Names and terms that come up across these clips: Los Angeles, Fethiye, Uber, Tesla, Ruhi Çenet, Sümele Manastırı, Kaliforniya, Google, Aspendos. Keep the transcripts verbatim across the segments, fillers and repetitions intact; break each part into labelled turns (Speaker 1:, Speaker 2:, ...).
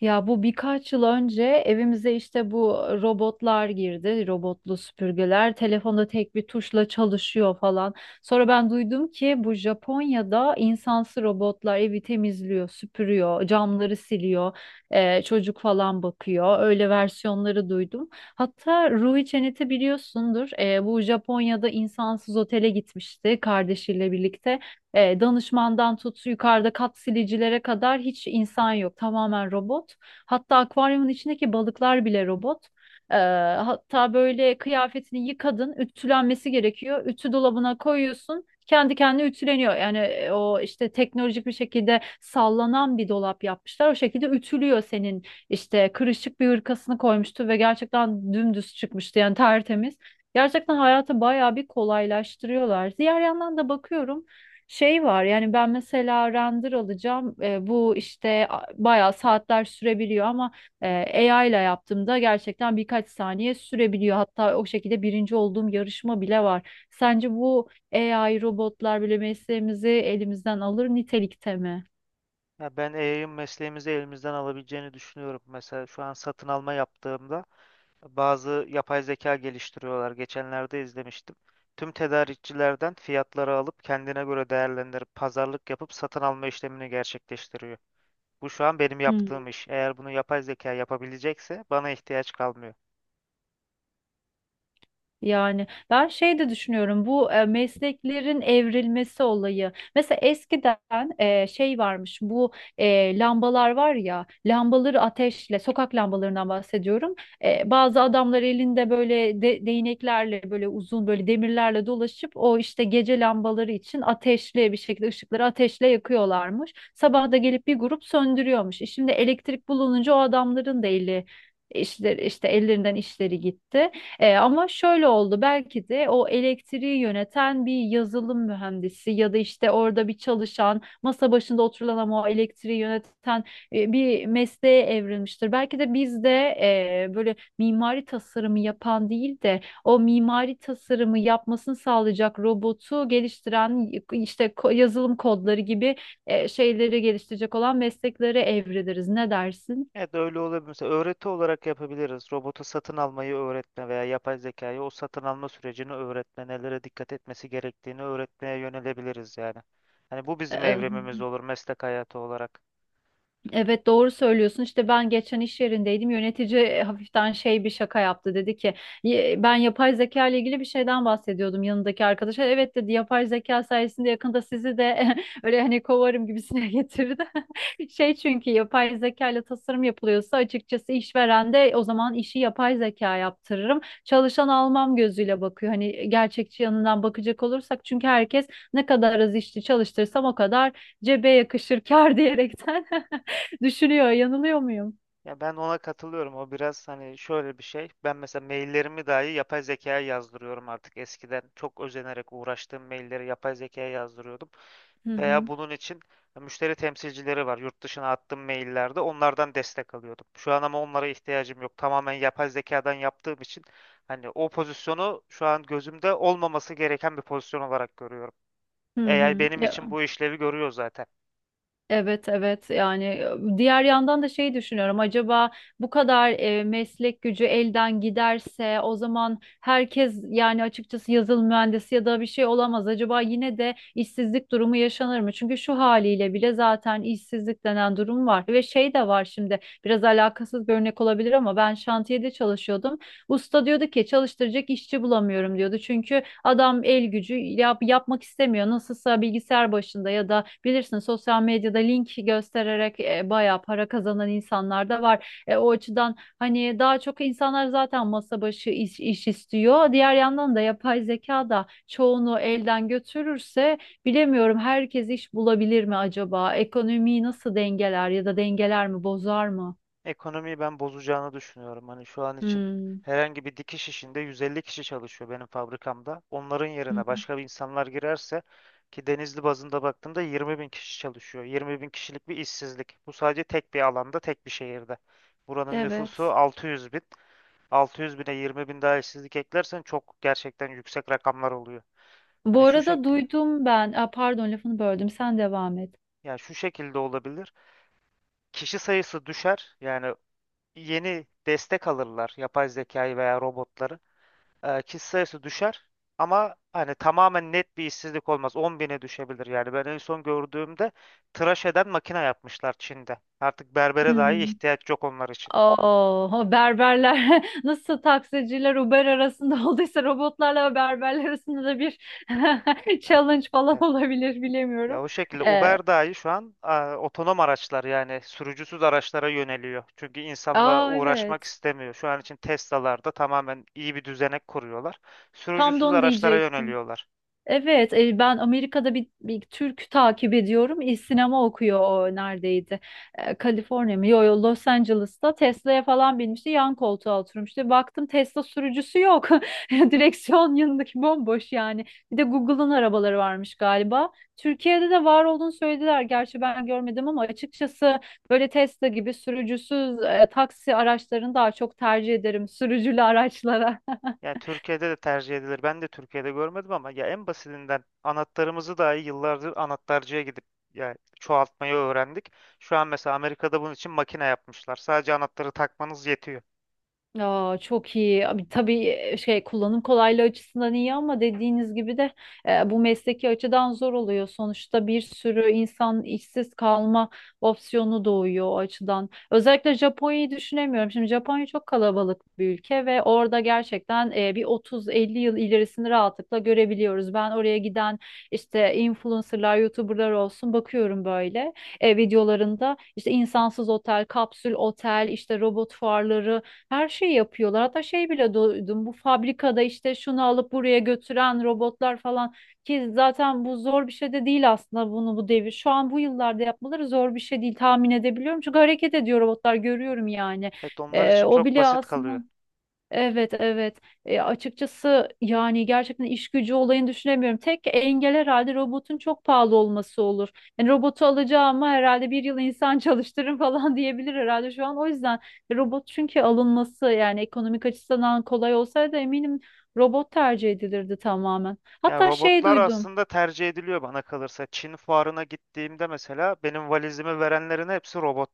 Speaker 1: Ya bu birkaç yıl önce evimize işte bu robotlar girdi, robotlu süpürgeler. Telefonda tek bir tuşla çalışıyor falan. Sonra ben duydum ki bu Japonya'da insansız robotlar evi temizliyor, süpürüyor, camları siliyor, eee, çocuk falan bakıyor. Öyle versiyonları duydum. Hatta Ruhi Çenet'i biliyorsundur. Eee, bu Japonya'da insansız otele gitmişti kardeşiyle birlikte. E, danışmandan tut yukarıda kat silicilere kadar hiç insan yok. Tamamen robot. Hatta akvaryumun içindeki balıklar bile robot. E, Hatta böyle kıyafetini yıkadın, ütülenmesi gerekiyor. Ütü dolabına koyuyorsun. Kendi kendine ütüleniyor. Yani e, o işte teknolojik bir şekilde sallanan bir dolap yapmışlar. O şekilde ütülüyor senin işte kırışık bir hırkasını koymuştu ve gerçekten dümdüz çıkmıştı yani tertemiz. Gerçekten hayatı bayağı bir kolaylaştırıyorlar. Diğer yandan da bakıyorum şey var yani ben mesela render alacağım, e, bu işte a- bayağı saatler sürebiliyor ama e, A I ile yaptığımda gerçekten birkaç saniye sürebiliyor. Hatta o şekilde birinci olduğum yarışma bile var. Sence bu A I robotlar bile mesleğimizi elimizden alır nitelikte mi?
Speaker 2: Ya ben A I'ın mesleğimizi elimizden alabileceğini düşünüyorum. Mesela şu an satın alma yaptığımda bazı yapay zeka geliştiriyorlar. Geçenlerde izlemiştim. Tüm tedarikçilerden fiyatları alıp kendine göre değerlendirip pazarlık yapıp satın alma işlemini gerçekleştiriyor. Bu şu an benim yaptığım iş. Eğer bunu yapay zeka yapabilecekse bana ihtiyaç kalmıyor.
Speaker 1: Yani ben şey de düşünüyorum, bu e, mesleklerin evrilmesi olayı. Mesela eskiden e, şey varmış, bu e, lambalar var ya, lambaları ateşle, sokak lambalarından bahsediyorum. E, bazı adamlar elinde böyle de- değneklerle, böyle uzun böyle demirlerle dolaşıp o işte gece lambaları için ateşli bir şekilde ışıkları ateşle yakıyorlarmış. Sabah da gelip bir grup söndürüyormuş. E, Şimdi elektrik bulununca o adamların da eli işte, işte ellerinden işleri gitti. E, ama şöyle oldu, belki de o elektriği yöneten bir yazılım mühendisi ya da işte orada bir çalışan, masa başında oturulan ama o elektriği yöneten e, bir mesleğe evrilmiştir. Belki de biz de e, böyle mimari tasarımı yapan değil de o mimari tasarımı yapmasını sağlayacak robotu geliştiren, işte ko- yazılım kodları gibi e, şeyleri geliştirecek olan mesleklere evriliriz. Ne dersin?
Speaker 2: Evet, öyle olabilir. Mesela öğreti olarak yapabiliriz. Robota satın almayı öğretme veya yapay zekayı o satın alma sürecini öğretme, nelere dikkat etmesi gerektiğini öğretmeye yönelebiliriz yani. Hani bu bizim evrimimiz olur meslek hayatı olarak.
Speaker 1: Evet, doğru söylüyorsun. İşte ben geçen iş yerindeydim. Yönetici e, hafiften şey, bir şaka yaptı. Dedi ki, "Ye- ben yapay zeka ile ilgili bir şeyden bahsediyordum yanındaki arkadaşa. Evet, dedi, yapay zeka sayesinde yakında sizi de öyle hani kovarım gibisine getirdi. Şey, çünkü yapay zeka ile tasarım yapılıyorsa açıkçası işveren de o zaman işi yapay zeka yaptırırım, çalışan almam gözüyle bakıyor. Hani gerçekçi yanından bakacak olursak, çünkü herkes ne kadar az işçi çalıştırsam o kadar cebe yakışır kar diyerekten düşürüyor. Yanılıyor muyum?
Speaker 2: Ya ben ona katılıyorum. O biraz hani şöyle bir şey. Ben mesela maillerimi dahi yapay zekaya yazdırıyorum artık. Eskiden çok özenerek uğraştığım mailleri yapay zekaya yazdırıyordum.
Speaker 1: Hı
Speaker 2: Veya
Speaker 1: hı.
Speaker 2: bunun için müşteri temsilcileri var. Yurt dışına attığım maillerde onlardan destek alıyordum. Şu an ama onlara ihtiyacım yok. Tamamen yapay zekadan yaptığım için hani o pozisyonu şu an gözümde olmaması gereken bir pozisyon olarak görüyorum.
Speaker 1: Hı
Speaker 2: A I
Speaker 1: hı.
Speaker 2: benim
Speaker 1: Ya,
Speaker 2: için bu işlevi görüyor zaten.
Speaker 1: evet, evet, yani e, diğer yandan da şeyi düşünüyorum, acaba bu kadar e, meslek gücü elden giderse o zaman herkes, yani açıkçası yazılım mühendisi ya da bir şey olamaz, acaba yine de işsizlik durumu yaşanır mı? Çünkü şu haliyle bile zaten işsizlik denen durum var ve şey de var. Şimdi biraz alakasız bir örnek olabilir ama ben şantiyede çalışıyordum. Usta diyordu ki çalıştıracak işçi bulamıyorum diyordu. Çünkü adam el gücü yap, yapmak istemiyor. Nasılsa bilgisayar başında ya da bilirsin sosyal medyada link göstererek e, bayağı para kazanan insanlar da var. E, o açıdan hani daha çok insanlar zaten masa başı iş, iş istiyor. Diğer yandan da yapay zeka da çoğunu elden götürürse bilemiyorum, herkes iş bulabilir mi acaba? Ekonomiyi nasıl dengeler, ya da dengeler mi, bozar mı?
Speaker 2: Ekonomiyi ben bozacağını düşünüyorum. Hani şu an için
Speaker 1: Hmm.
Speaker 2: herhangi bir dikiş işinde yüz elli kişi çalışıyor benim fabrikamda. Onların
Speaker 1: Hı
Speaker 2: yerine
Speaker 1: hı.
Speaker 2: başka bir insanlar girerse ki Denizli bazında baktığımda yirmi bin kişi çalışıyor. yirmi bin kişilik bir işsizlik. Bu sadece tek bir alanda, tek bir şehirde. Buranın nüfusu
Speaker 1: Evet.
Speaker 2: altı yüz bin. altı yüz bine yirmi bin daha işsizlik eklersen çok gerçekten yüksek rakamlar oluyor.
Speaker 1: Bu
Speaker 2: Hani şu
Speaker 1: arada
Speaker 2: şekilde,
Speaker 1: duydum ben. Aa, pardon, lafını böldüm. Sen devam et.
Speaker 2: yani şu şekilde olabilir. Kişi sayısı düşer. Yani yeni destek alırlar yapay zekayı veya robotları. E, kişi sayısı düşer ama hani tamamen net bir işsizlik olmaz. on bine düşebilir yani. Ben en son gördüğümde tıraş eden makine yapmışlar Çin'de. Artık berbere dahi
Speaker 1: Hmm.
Speaker 2: ihtiyaç yok onlar için.
Speaker 1: Oh, berberler nasıl taksiciler Uber arasında olduysa robotlarla berberler arasında da bir challenge falan
Speaker 2: Evet.
Speaker 1: olabilir,
Speaker 2: Ya
Speaker 1: bilemiyorum.
Speaker 2: o şekilde
Speaker 1: Ee,
Speaker 2: Uber dahi şu an e, otonom araçlar yani sürücüsüz araçlara yöneliyor. Çünkü insanla
Speaker 1: aa,
Speaker 2: uğraşmak
Speaker 1: evet.
Speaker 2: istemiyor. Şu an için Tesla'larda tamamen iyi bir düzenek kuruyorlar.
Speaker 1: Tam da
Speaker 2: Sürücüsüz
Speaker 1: onu
Speaker 2: araçlara
Speaker 1: diyecektim.
Speaker 2: yöneliyorlar.
Speaker 1: Evet, e, ben Amerika'da bir, bir Türk takip ediyorum. E, Sinema okuyor, o neredeydi? E, Kaliforniya mı? Yo, yo, Los Angeles'ta Tesla'ya falan binmişti. Yan koltuğa oturmuştu. Baktım Tesla sürücüsü yok. Direksiyon yanındaki bomboş yani. Bir de Google'ın arabaları varmış galiba. Türkiye'de de var olduğunu söylediler. Gerçi ben görmedim ama açıkçası böyle Tesla gibi sürücüsüz e, taksi araçlarını daha çok tercih ederim sürücülü araçlara.
Speaker 2: Ya Türkiye'de de tercih edilir. Ben de Türkiye'de görmedim ama ya en basitinden anahtarımızı dahi yıllardır anahtarcıya gidip ya çoğaltmayı öğrendik. Şu an mesela Amerika'da bunun için makine yapmışlar. Sadece anahtarı takmanız yetiyor.
Speaker 1: Aa, çok iyi. Abi, tabii e, şey, kullanım kolaylığı açısından iyi ama dediğiniz gibi de e, bu mesleki açıdan zor oluyor. Sonuçta bir sürü insan işsiz kalma opsiyonu doğuyor o açıdan. Özellikle Japonya'yı düşünemiyorum. Şimdi Japonya çok kalabalık bir ülke ve orada gerçekten e, bir otuz elli yıl ilerisini rahatlıkla görebiliyoruz. Ben oraya giden işte influencerlar, YouTuber'lar olsun bakıyorum, böyle e, videolarında işte insansız otel, kapsül otel, işte robot fuarları, her şeyi yapıyorlar. Hatta şey bile duydum. Bu fabrikada işte şunu alıp buraya götüren robotlar falan, ki zaten bu zor bir şey de değil aslında, bunu bu devir, şu an bu yıllarda yapmaları zor bir şey değil, tahmin edebiliyorum. Çünkü hareket ediyor robotlar, görüyorum yani.
Speaker 2: Evet, onlar
Speaker 1: Ee,
Speaker 2: için
Speaker 1: o
Speaker 2: çok
Speaker 1: bile
Speaker 2: basit
Speaker 1: aslında.
Speaker 2: kalıyor.
Speaker 1: Evet, evet. E, açıkçası yani gerçekten iş gücü olayını düşünemiyorum. Tek engel herhalde robotun çok pahalı olması olur. Yani robotu alacağıma herhalde bir yıl insan çalıştırırım falan diyebilir herhalde şu an. O yüzden robot, çünkü alınması yani ekonomik açısından kolay olsaydı eminim robot tercih edilirdi tamamen.
Speaker 2: Ya
Speaker 1: Hatta şey
Speaker 2: robotlar
Speaker 1: duydum.
Speaker 2: aslında tercih ediliyor bana kalırsa. Çin fuarına gittiğimde mesela benim valizimi verenlerin hepsi robot.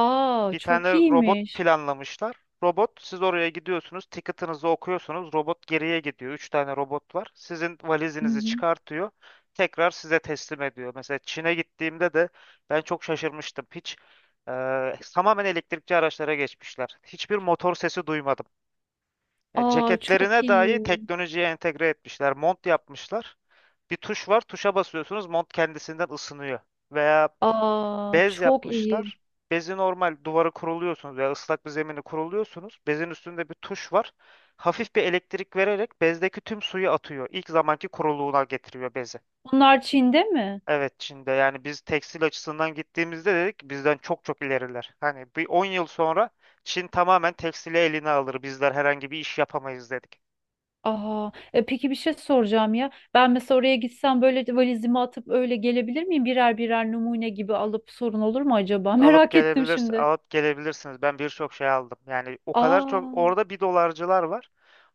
Speaker 1: Aa,
Speaker 2: Bir tane
Speaker 1: çok
Speaker 2: robot
Speaker 1: iyiymiş.
Speaker 2: planlamışlar. Robot, siz oraya gidiyorsunuz, ticket'ınızı okuyorsunuz. Robot geriye gidiyor. Üç tane robot var. Sizin
Speaker 1: Hı
Speaker 2: valizinizi
Speaker 1: hı.
Speaker 2: çıkartıyor. Tekrar size teslim ediyor. Mesela Çin'e gittiğimde de ben çok şaşırmıştım. Hiç e, tamamen elektrikli araçlara geçmişler. Hiçbir motor sesi duymadım. Yani
Speaker 1: Aa, çok
Speaker 2: ceketlerine dahi
Speaker 1: iyi.
Speaker 2: teknolojiye entegre etmişler. Mont yapmışlar. Bir tuş var. Tuşa basıyorsunuz. Mont kendisinden ısınıyor. Veya
Speaker 1: Aa,
Speaker 2: bez
Speaker 1: çok iyi.
Speaker 2: yapmışlar. Bezi normal duvara kuruluyorsunuz veya ıslak bir zemini kuruluyorsunuz. Bezin üstünde bir tuş var. Hafif bir elektrik vererek bezdeki tüm suyu atıyor. İlk zamanki kuruluğuna getiriyor bezi.
Speaker 1: Bunlar Çin'de mi?
Speaker 2: Evet, Çin'de. Yani biz tekstil açısından gittiğimizde dedik bizden çok çok ileriler. Hani bir on yıl sonra Çin tamamen tekstili eline alır. Bizler herhangi bir iş yapamayız dedik.
Speaker 1: Aha, e, peki, bir şey soracağım ya. Ben mesela oraya gitsem böyle de valizimi atıp öyle gelebilir miyim? Birer birer numune gibi alıp sorun olur mu acaba?
Speaker 2: Alıp
Speaker 1: Merak ettim
Speaker 2: gelebilirsin,
Speaker 1: şimdi.
Speaker 2: alıp gelebilirsiniz. Ben birçok şey aldım. Yani o kadar çok
Speaker 1: Aa,
Speaker 2: orada bir dolarcılar var.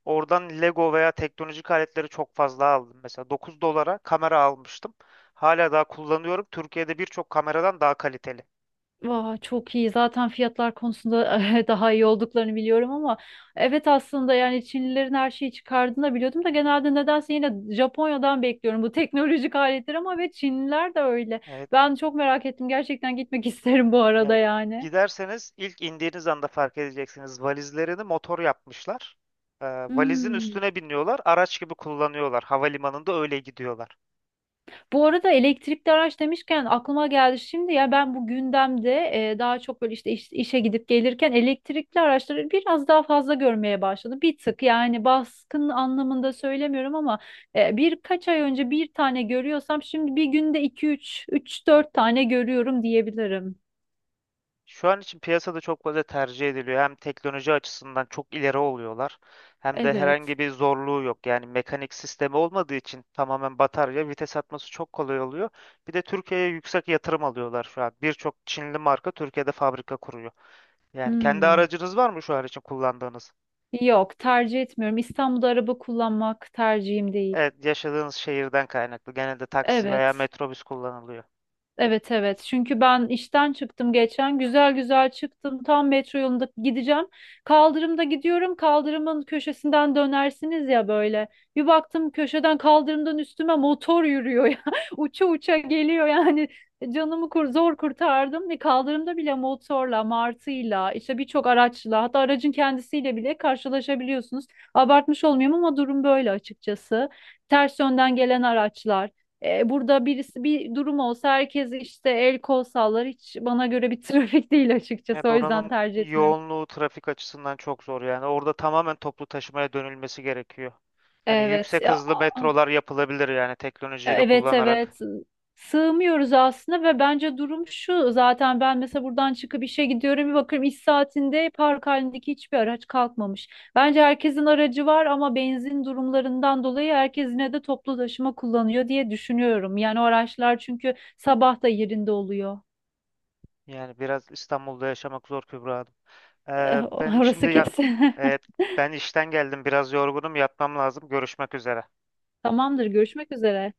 Speaker 2: Oradan Lego veya teknolojik aletleri çok fazla aldım. Mesela dokuz dolara kamera almıştım. Hala daha kullanıyorum. Türkiye'de birçok kameradan daha kaliteli.
Speaker 1: vah, çok iyi. Zaten fiyatlar konusunda daha iyi olduklarını biliyorum ama evet, aslında yani Çinlilerin her şeyi çıkardığını da biliyordum da genelde nedense yine Japonya'dan bekliyorum bu teknolojik aletler, ama ve Çinliler de öyle.
Speaker 2: Evet.
Speaker 1: Ben çok merak ettim. Gerçekten gitmek isterim bu arada
Speaker 2: Yani
Speaker 1: yani.
Speaker 2: giderseniz ilk indiğiniz anda fark edeceksiniz. Valizlerini motor yapmışlar. Ee, valizin
Speaker 1: Hmm.
Speaker 2: üstüne biniyorlar. Araç gibi kullanıyorlar. Havalimanında öyle gidiyorlar.
Speaker 1: Bu arada elektrikli araç demişken aklıma geldi şimdi ya, ben bu gündemde e, daha çok böyle işte iş- işe gidip gelirken elektrikli araçları biraz daha fazla görmeye başladım. Bir tık, yani baskın anlamında söylemiyorum ama e, birkaç ay önce bir tane görüyorsam şimdi bir günde iki üç, üç dört tane görüyorum diyebilirim.
Speaker 2: Şu an için piyasada çok fazla tercih ediliyor. Hem teknoloji açısından çok ileri oluyorlar, hem de
Speaker 1: Evet.
Speaker 2: herhangi bir zorluğu yok. Yani mekanik sistemi olmadığı için tamamen batarya, vites atması çok kolay oluyor. Bir de Türkiye'ye yüksek yatırım alıyorlar şu an. Birçok Çinli marka Türkiye'de fabrika kuruyor. Yani kendi
Speaker 1: Hmm.
Speaker 2: aracınız var mı şu an için kullandığınız?
Speaker 1: Yok, tercih etmiyorum. İstanbul'da araba kullanmak tercihim değil.
Speaker 2: Evet, yaşadığınız şehirden kaynaklı. Genelde taksi veya
Speaker 1: Evet.
Speaker 2: metrobüs kullanılıyor.
Speaker 1: Evet, evet, çünkü ben işten çıktım geçen, güzel güzel çıktım, tam metro yolunda gideceğim, kaldırımda gidiyorum, kaldırımın köşesinden dönersiniz ya böyle, bir baktım köşeden, kaldırımdan üstüme motor yürüyor ya, uça uça geliyor yani. Canımı kur, zor kurtardım ve kaldırımda bile motorla, martıyla, işte birçok araçla, hatta aracın kendisiyle bile karşılaşabiliyorsunuz. Abartmış olmayayım ama durum böyle açıkçası, ters yönden gelen araçlar. E, burada birisi bir durum olsa herkes işte el kol sallar. Hiç bana göre bir trafik değil açıkçası.
Speaker 2: Evet,
Speaker 1: O yüzden
Speaker 2: oranın
Speaker 1: tercih etmiyorum.
Speaker 2: yoğunluğu trafik açısından çok zor yani. Orada tamamen toplu taşımaya dönülmesi gerekiyor. Hani
Speaker 1: Evet.
Speaker 2: yüksek
Speaker 1: Ya,
Speaker 2: hızlı
Speaker 1: ah,
Speaker 2: metrolar yapılabilir yani teknolojiyi de
Speaker 1: evet,
Speaker 2: kullanarak.
Speaker 1: evet. Sığmıyoruz aslında ve bence durum şu. Zaten ben mesela buradan çıkıp işe gidiyorum, bir bakıyorum iş saatinde park halindeki hiçbir araç kalkmamış. Bence herkesin aracı var ama benzin durumlarından dolayı herkes yine de toplu taşıma kullanıyor diye düşünüyorum. Yani o araçlar çünkü sabah da yerinde oluyor.
Speaker 2: Yani biraz İstanbul'da yaşamak zor Kübra Hanım.
Speaker 1: Eh,
Speaker 2: Ee, ben şimdi
Speaker 1: orası
Speaker 2: ya,
Speaker 1: kesin.
Speaker 2: evet, ben işten geldim, biraz yorgunum, yatmam lazım. Görüşmek üzere.
Speaker 1: Tamamdır, görüşmek üzere.